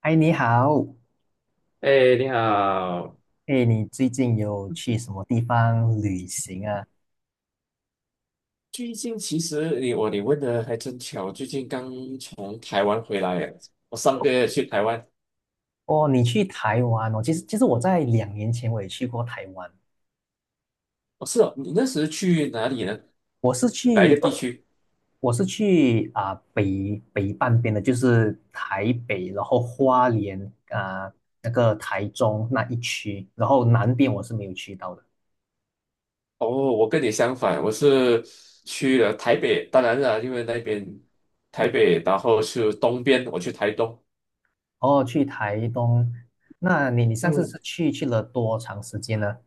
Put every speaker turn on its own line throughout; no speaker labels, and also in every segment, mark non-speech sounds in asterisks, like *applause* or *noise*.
嗨，你好，
哎，你好！
哎，你最近有去什么地方旅行啊？
最近其实你问的还真巧，最近刚从台湾回来耶，我上个月去台湾。
哦，你去台湾哦。其实我在两年前我也去过台湾。
哦，是哦，你那时去哪里呢？
我是
哪一
去
个地区？
我是去啊、北半边的，就是台北，然后花莲啊、那个台中那一区，然后南边我是没有去到的。
哦，我跟你相反，我是去了台北，当然了，因为那边台北，然后是东边，我去台东。
哦，去台东，那你上次
嗯，
是去了多长时间呢？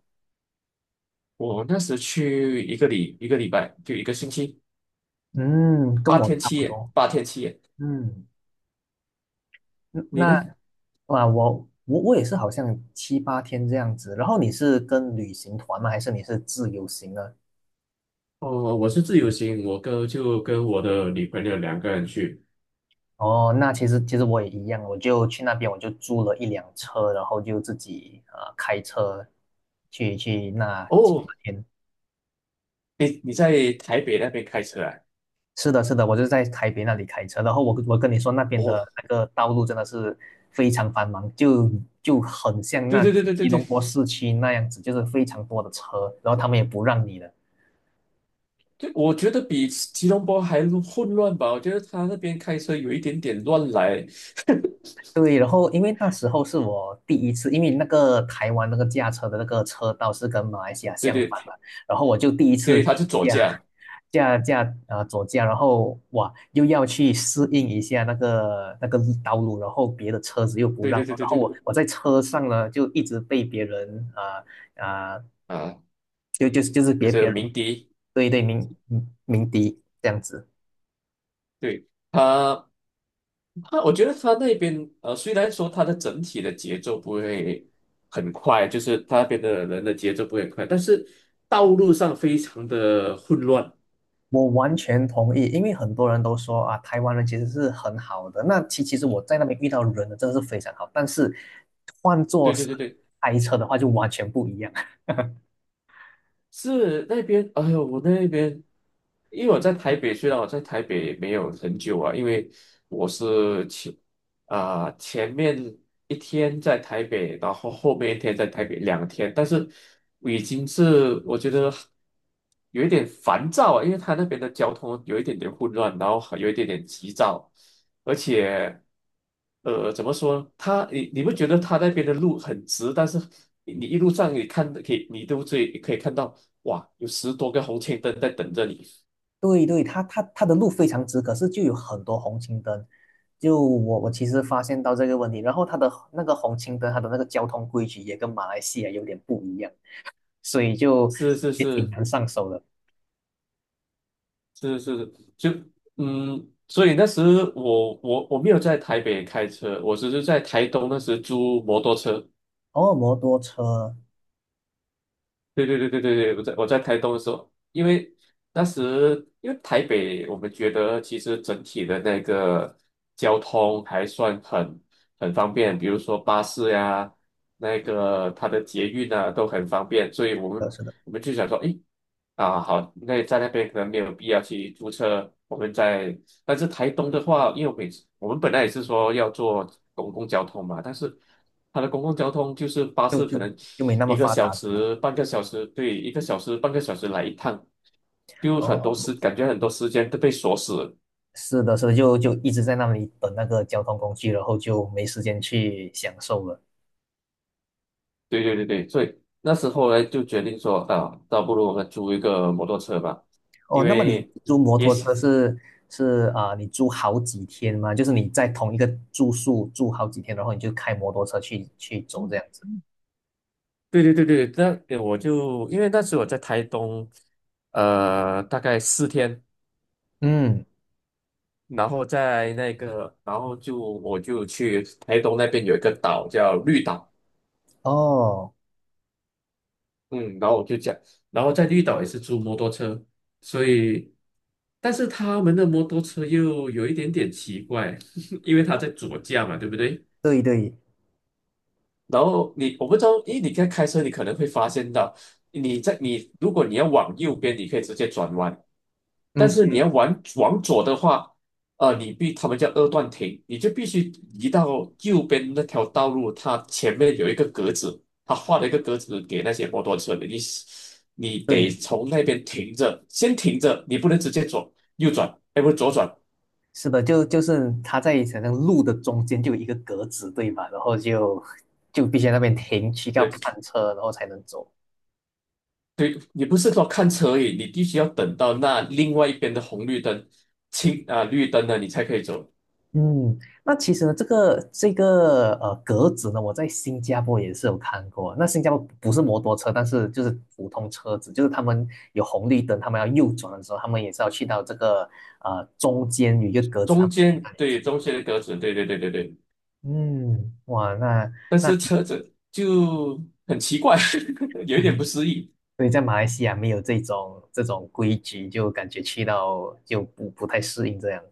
我那时去一个礼拜，就一个星期，
嗯，跟
八
我
天
差
七
不
夜，
多。
八天七夜。
嗯。嗯
你
那
呢？
哇，我也是好像七八天这样子。然后你是跟旅行团吗？还是你是自由行呢？
哦，我是自由行，就跟我的女朋友两个人去。
哦，那其实我也一样，我就去那边，我就租了一辆车，然后就自己开车去那七
哦，
八天。
你在台北那边开车啊？
是的，是的，我就在台北那里开车，然后我跟你说那边的
哦，
那个道路真的是非常繁忙，就很像
对
那
对对对对
吉
对，
隆坡市区那样子，就是非常多的车，然后他们也不让你的。
对，我觉得比吉隆坡还混乱吧？我觉得他那边开车有一点点乱来。
对，然后因为那时候是我第一次，因为那个台湾那个驾车的那个车道是跟马来西亚
对
相
对
反嘛，然后我就第一次
对，他是
去
左
驾
驾。
驾驾呃左驾，然后哇又要去适应一下那个道路，然后别的车子又不
对
让
对对
我，
对
然后
对，
我在车上呢就一直被别人啊、呃呃
啊，
就是
就
别别
是
人
鸣笛。
对对鸣笛这样子。
对他。啊，我觉得他那边虽然说他的整体的节奏不会很快，就是他那边的人的节奏不会很快，但是道路上非常的混乱。
我完全同意，因为很多人都说啊，台湾人其实是很好的。那其实我在那边遇到人呢，真的是非常好。但是换做
对对
是
对对，
开车的话，就完全不一样。*laughs*
是那边，哎呦，我那边，因为我在台北，虽然我在台北没有很久啊，因为我是前面一天在台北，然后后面一天在台北两天，但是我已经是我觉得有一点烦躁啊，因为他那边的交通有一点点混乱，然后还有一点点急躁，而且，怎么说呢？你不觉得他那边的路很直？但是你一路上你看的可以，你都最可以看到，哇，有10多个红绿灯在等着你。
对对，他的路非常直，可是就有很多红绿灯。就我其实发现到这个问题，然后他的那个红绿灯，他的那个交通规矩也跟马来西亚有点不一样，所以就
是是
也挺
是
难上手的。
是是，所以那时我没有在台北开车，我只是在台东那时租摩托车。
哦，摩托车，
对对对对对对，我在台东的时候，因为当时台北，我们觉得其实整体的那个交通还算很方便，比如说巴士呀、那个它的捷运啊都很方便，所以我们
是的，
我们就想说，诶，啊好，那在那边可能没有必要去租车，我们在但是台东的话，因为我每次我们本来也是说要做公共交通嘛，但是它的公共交通就是巴
就
士，可
就
能
就没那么
一个
发
小
达了。
时、半个小时，对，一个小时、半个小时来一趟，就很多
哦，
时感觉很多时间都被锁死了。
是的，所以就一直在那里等那个交通工具，然后就没时间去享受了。
对对对对，所以那时候呢就决定说啊，倒不如我们租一个摩托车吧，
哦，
因
那么你
为
租摩
也
托
想，
车你租好几天吗？就是你在同一个住宿住好几天，然后你就开摩托车去走这样子。
对对对对，那我就因为那时我在台东，大概4天。
嗯，
然后在那个，然后就我就去台东那边有一个岛叫绿岛，
哦，
嗯，然后我就讲，然后在绿岛也是租摩托车，所以，但是他们的摩托车又有一点点奇怪，*laughs* 因为他在左驾嘛，对不对？
对对，
然后我不知道，因为你在开车，你可能会发现到，你如果你要往右边，你可以直接转弯，
嗯，
但是你要往左的话，他们叫二段停，你就必须移到右边那条道路，它前面有一个格子，它画了一个格子给那些摩托车的，你得
对，
从那边停着，先停着，你不能直接左右转，哎，不是左转，
是的，就是它在好像路的中间就有一个格子，对吧？然后就必须在那边停，去要
对
看车，然后才能走。
对，你不是说看车而已，你必须要等到那另外一边的红绿灯、绿灯了，你才可以走。
嗯，那其实呢，这个格子呢，我在新加坡也是有看过。那新加坡不是摩托车，但是就是普通车子，就是他们有红绿灯，他们要右转的时候，他们也是要去到这个中间有一个格子，他
中
们会去
间
那里
对
停。
中间的格子，对对对对对。
嗯，哇，那
但
那
是
其实
车子就很奇怪，*laughs* 有一点不
*laughs*
适应。
所以在马来西亚没有这种规矩，就感觉去到就不太适应这样。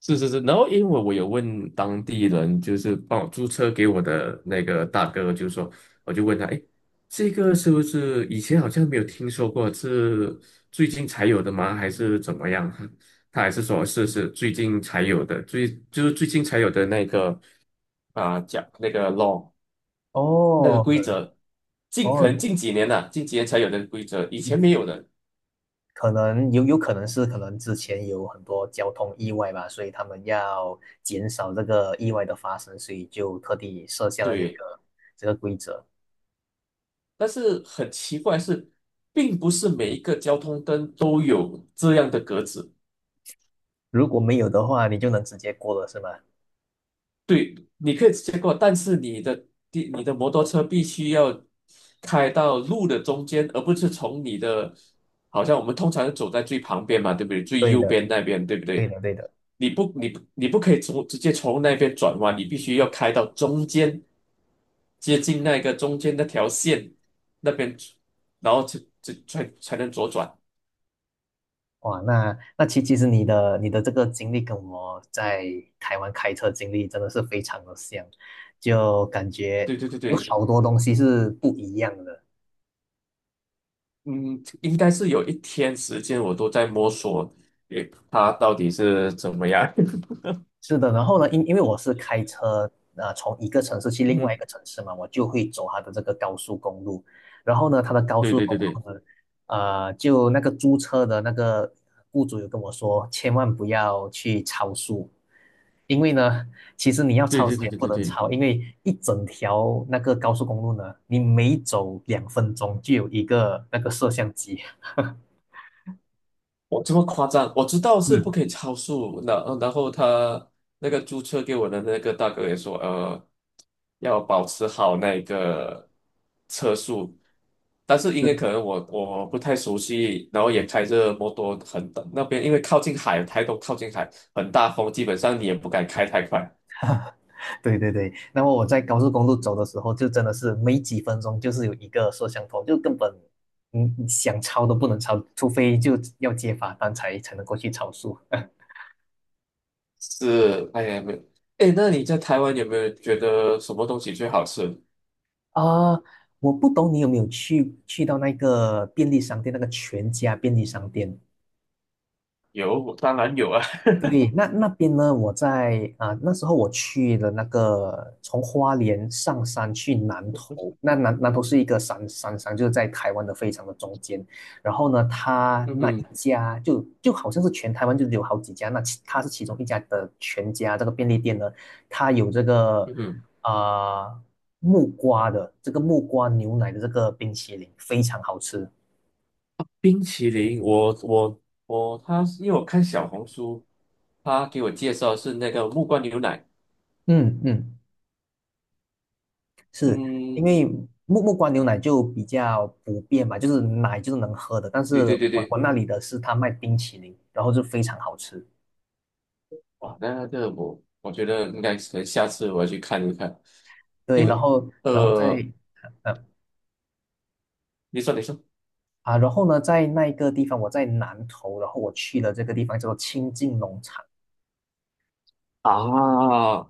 是是是，然后因为我有问当地人，就是帮我租车给我的那个大哥，就是说，我就问他，哎，这个是不是以前好像没有听说过，是最近才有的吗？还是怎么样？他还是说是最近才有的，就是最近才有的那个啊，讲那个 law 那个
哦
规则，可能
哦，
近几年才有的规则，以前没有的。
可能有可能是可能之前有很多交通意外吧，所以他们要减少这个意外的发生，所以就特地设下了这
对。
个这个规则。
但是很奇怪是，并不是每一个交通灯都有这样的格子。
如果没有的话，你就能直接过了，是吗？
对，你可以直接过，但是你的摩托车必须要开到路的中间，而不是从你的，好像我们通常是走在最旁边嘛，对不对？最
对
右
的，
边那边，对不
对
对？
的，对的。
你不可以直接从那边转弯，你必须要开到中间，接近那个中间那条线那边，然后才能左转。
哇，那其实你的这个经历跟我在台湾开车经历真的是非常的像，就感觉
对对对
有
对，
好多东西是不一样的。
嗯，应该是有一天时间我都在摸索，诶，它到底是怎么样？
是的，然后呢，因为我是开车，从一个城市去
*laughs*
另外一
嗯，
个城市嘛，我就会走它的这个高速公路。然后呢，它的高
对
速
对
公
对对
路呢，就那个租车的那个雇主有跟我说，千万不要去超速，因为呢，其实你要
对
超
对
速
对
也
对
不
对
能
对，
超，因为一整条那个高速公路呢，你每走2分钟就有一个那个摄像机。
我这么夸张，我知道是不
嗯，
可以超速，然后他那个租车给我的那个大哥也说，要保持好那个车速，但是
*laughs*
因
对
为可能我不太熟悉，然后也开着摩托很那边，因为靠近海，台东靠近海，很大风，基本上你也不敢开太快。
对对对，那么我在高速公路走的时候，就真的是没几分钟，就是有一个摄像头，就根本想超都不能超，除非就要接罚单才能够去超速。*laughs*
是，哎呀，没有。哎，那你在台湾有没有觉得什么东西最好吃？
啊，我不懂你有没有去到那个便利商店，那个全家便利商店。
有，当然有啊。
对，那那边呢？我在啊、那时候我去了那个从花莲上山去南投，
*laughs*
那南投是一个山上，就是在台湾的非常的中间。然后呢，他
嗯
那
哼，
一家就好像是全台湾就有好几家，那其他是其中一家的全家这个便利店呢，它有
嗯哼，
啊、木瓜的这个木瓜牛奶的这个冰淇淋，非常好吃。
冰淇淋，我我我，他因为我看小红书，他给我介绍是那个木瓜牛奶。
嗯嗯，因
嗯，
为木瓜牛奶就比较普遍嘛，就是奶就是能喝的，但
对
是
对对
我
对，
那里的是他卖冰淇淋，然后就非常好吃。
哇，那个我觉得应该可能下次我要去看一看，
对，
因
然
为
后然后
呃，
呃
你说
然后呢，在那一个地方，我在南头，然后我去了这个地方叫做清境农场。
啊，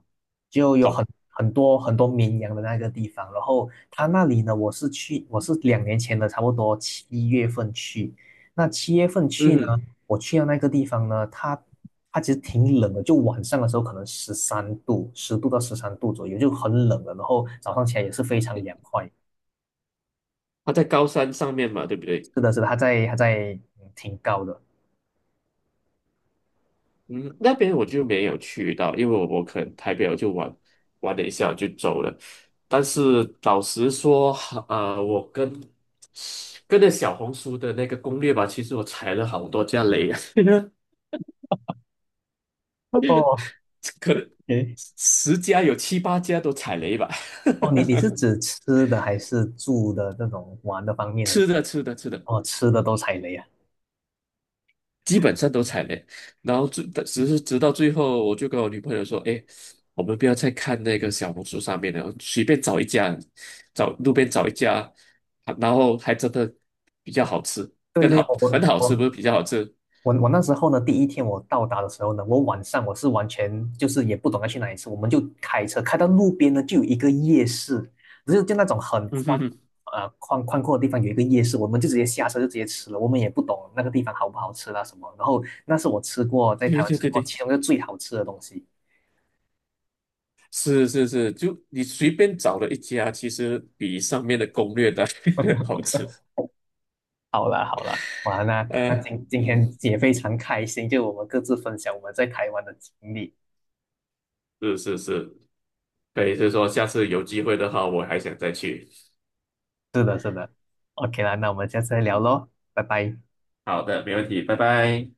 就有很
懂，
很多很多绵羊的那个地方。然后他那里呢，我是两年前的，差不多七月份去。那七月份去呢，
嗯
我去到那个地方呢，它其实挺冷的，就晚上的时候可能十三度，10度到十三度左右，就很冷了。然后早上起来也是非常凉快。
他在高山上面嘛，对不对？
是的，是的，它在挺高的。
嗯，那边我就没有去到，因为我可能台北我就玩了一下我就走了。但是老实说，我跟着小红书的那个攻略吧，其实我踩了好多家雷啊，
哦，
*laughs* 可能
诶，
10家有7、8家都踩雷吧。
哦，你
*laughs*
是指吃的还是住的这种玩的方面呢？
吃的吃的吃的，
哦，吃的都踩雷啊！
基本上都踩雷，然后只是直到最后，我就跟我女朋友说："哎，我们不要再看那个小红书上面了，随便找一家，找路边找一家，然后还真的比较好吃，
对
更
对，
好，
我
很
我
好吃，不
我
是比较好吃。"
我我那时候呢，第一天我到达的时候呢，我晚上我是完全就是也不懂得去哪里吃，我们就开车开到路边呢，就有一个夜市，就是就那种很
嗯
宽，
哼哼，
宽阔的地方有一个夜市，我们就直接下车就直接吃了，我们也不懂那个地方好不好吃啦什么，然后那是我吃过在台
对 *laughs*
湾
对
吃
对
过
对，
其中一个最好吃的东西。
是是是，就你随便找了一家，其实比上面的攻略的 *laughs*
*laughs*
好吃。
完了，
呃，
那今今
嗯，
天也非常开心，就我们各自分享我们在台湾的经历。
是是是，可以是说下次有机会的话，我还想再去。
是的，是的。OK 啦，那我们下次再聊
嗯，
喽，拜拜。
好的，没问题，拜拜。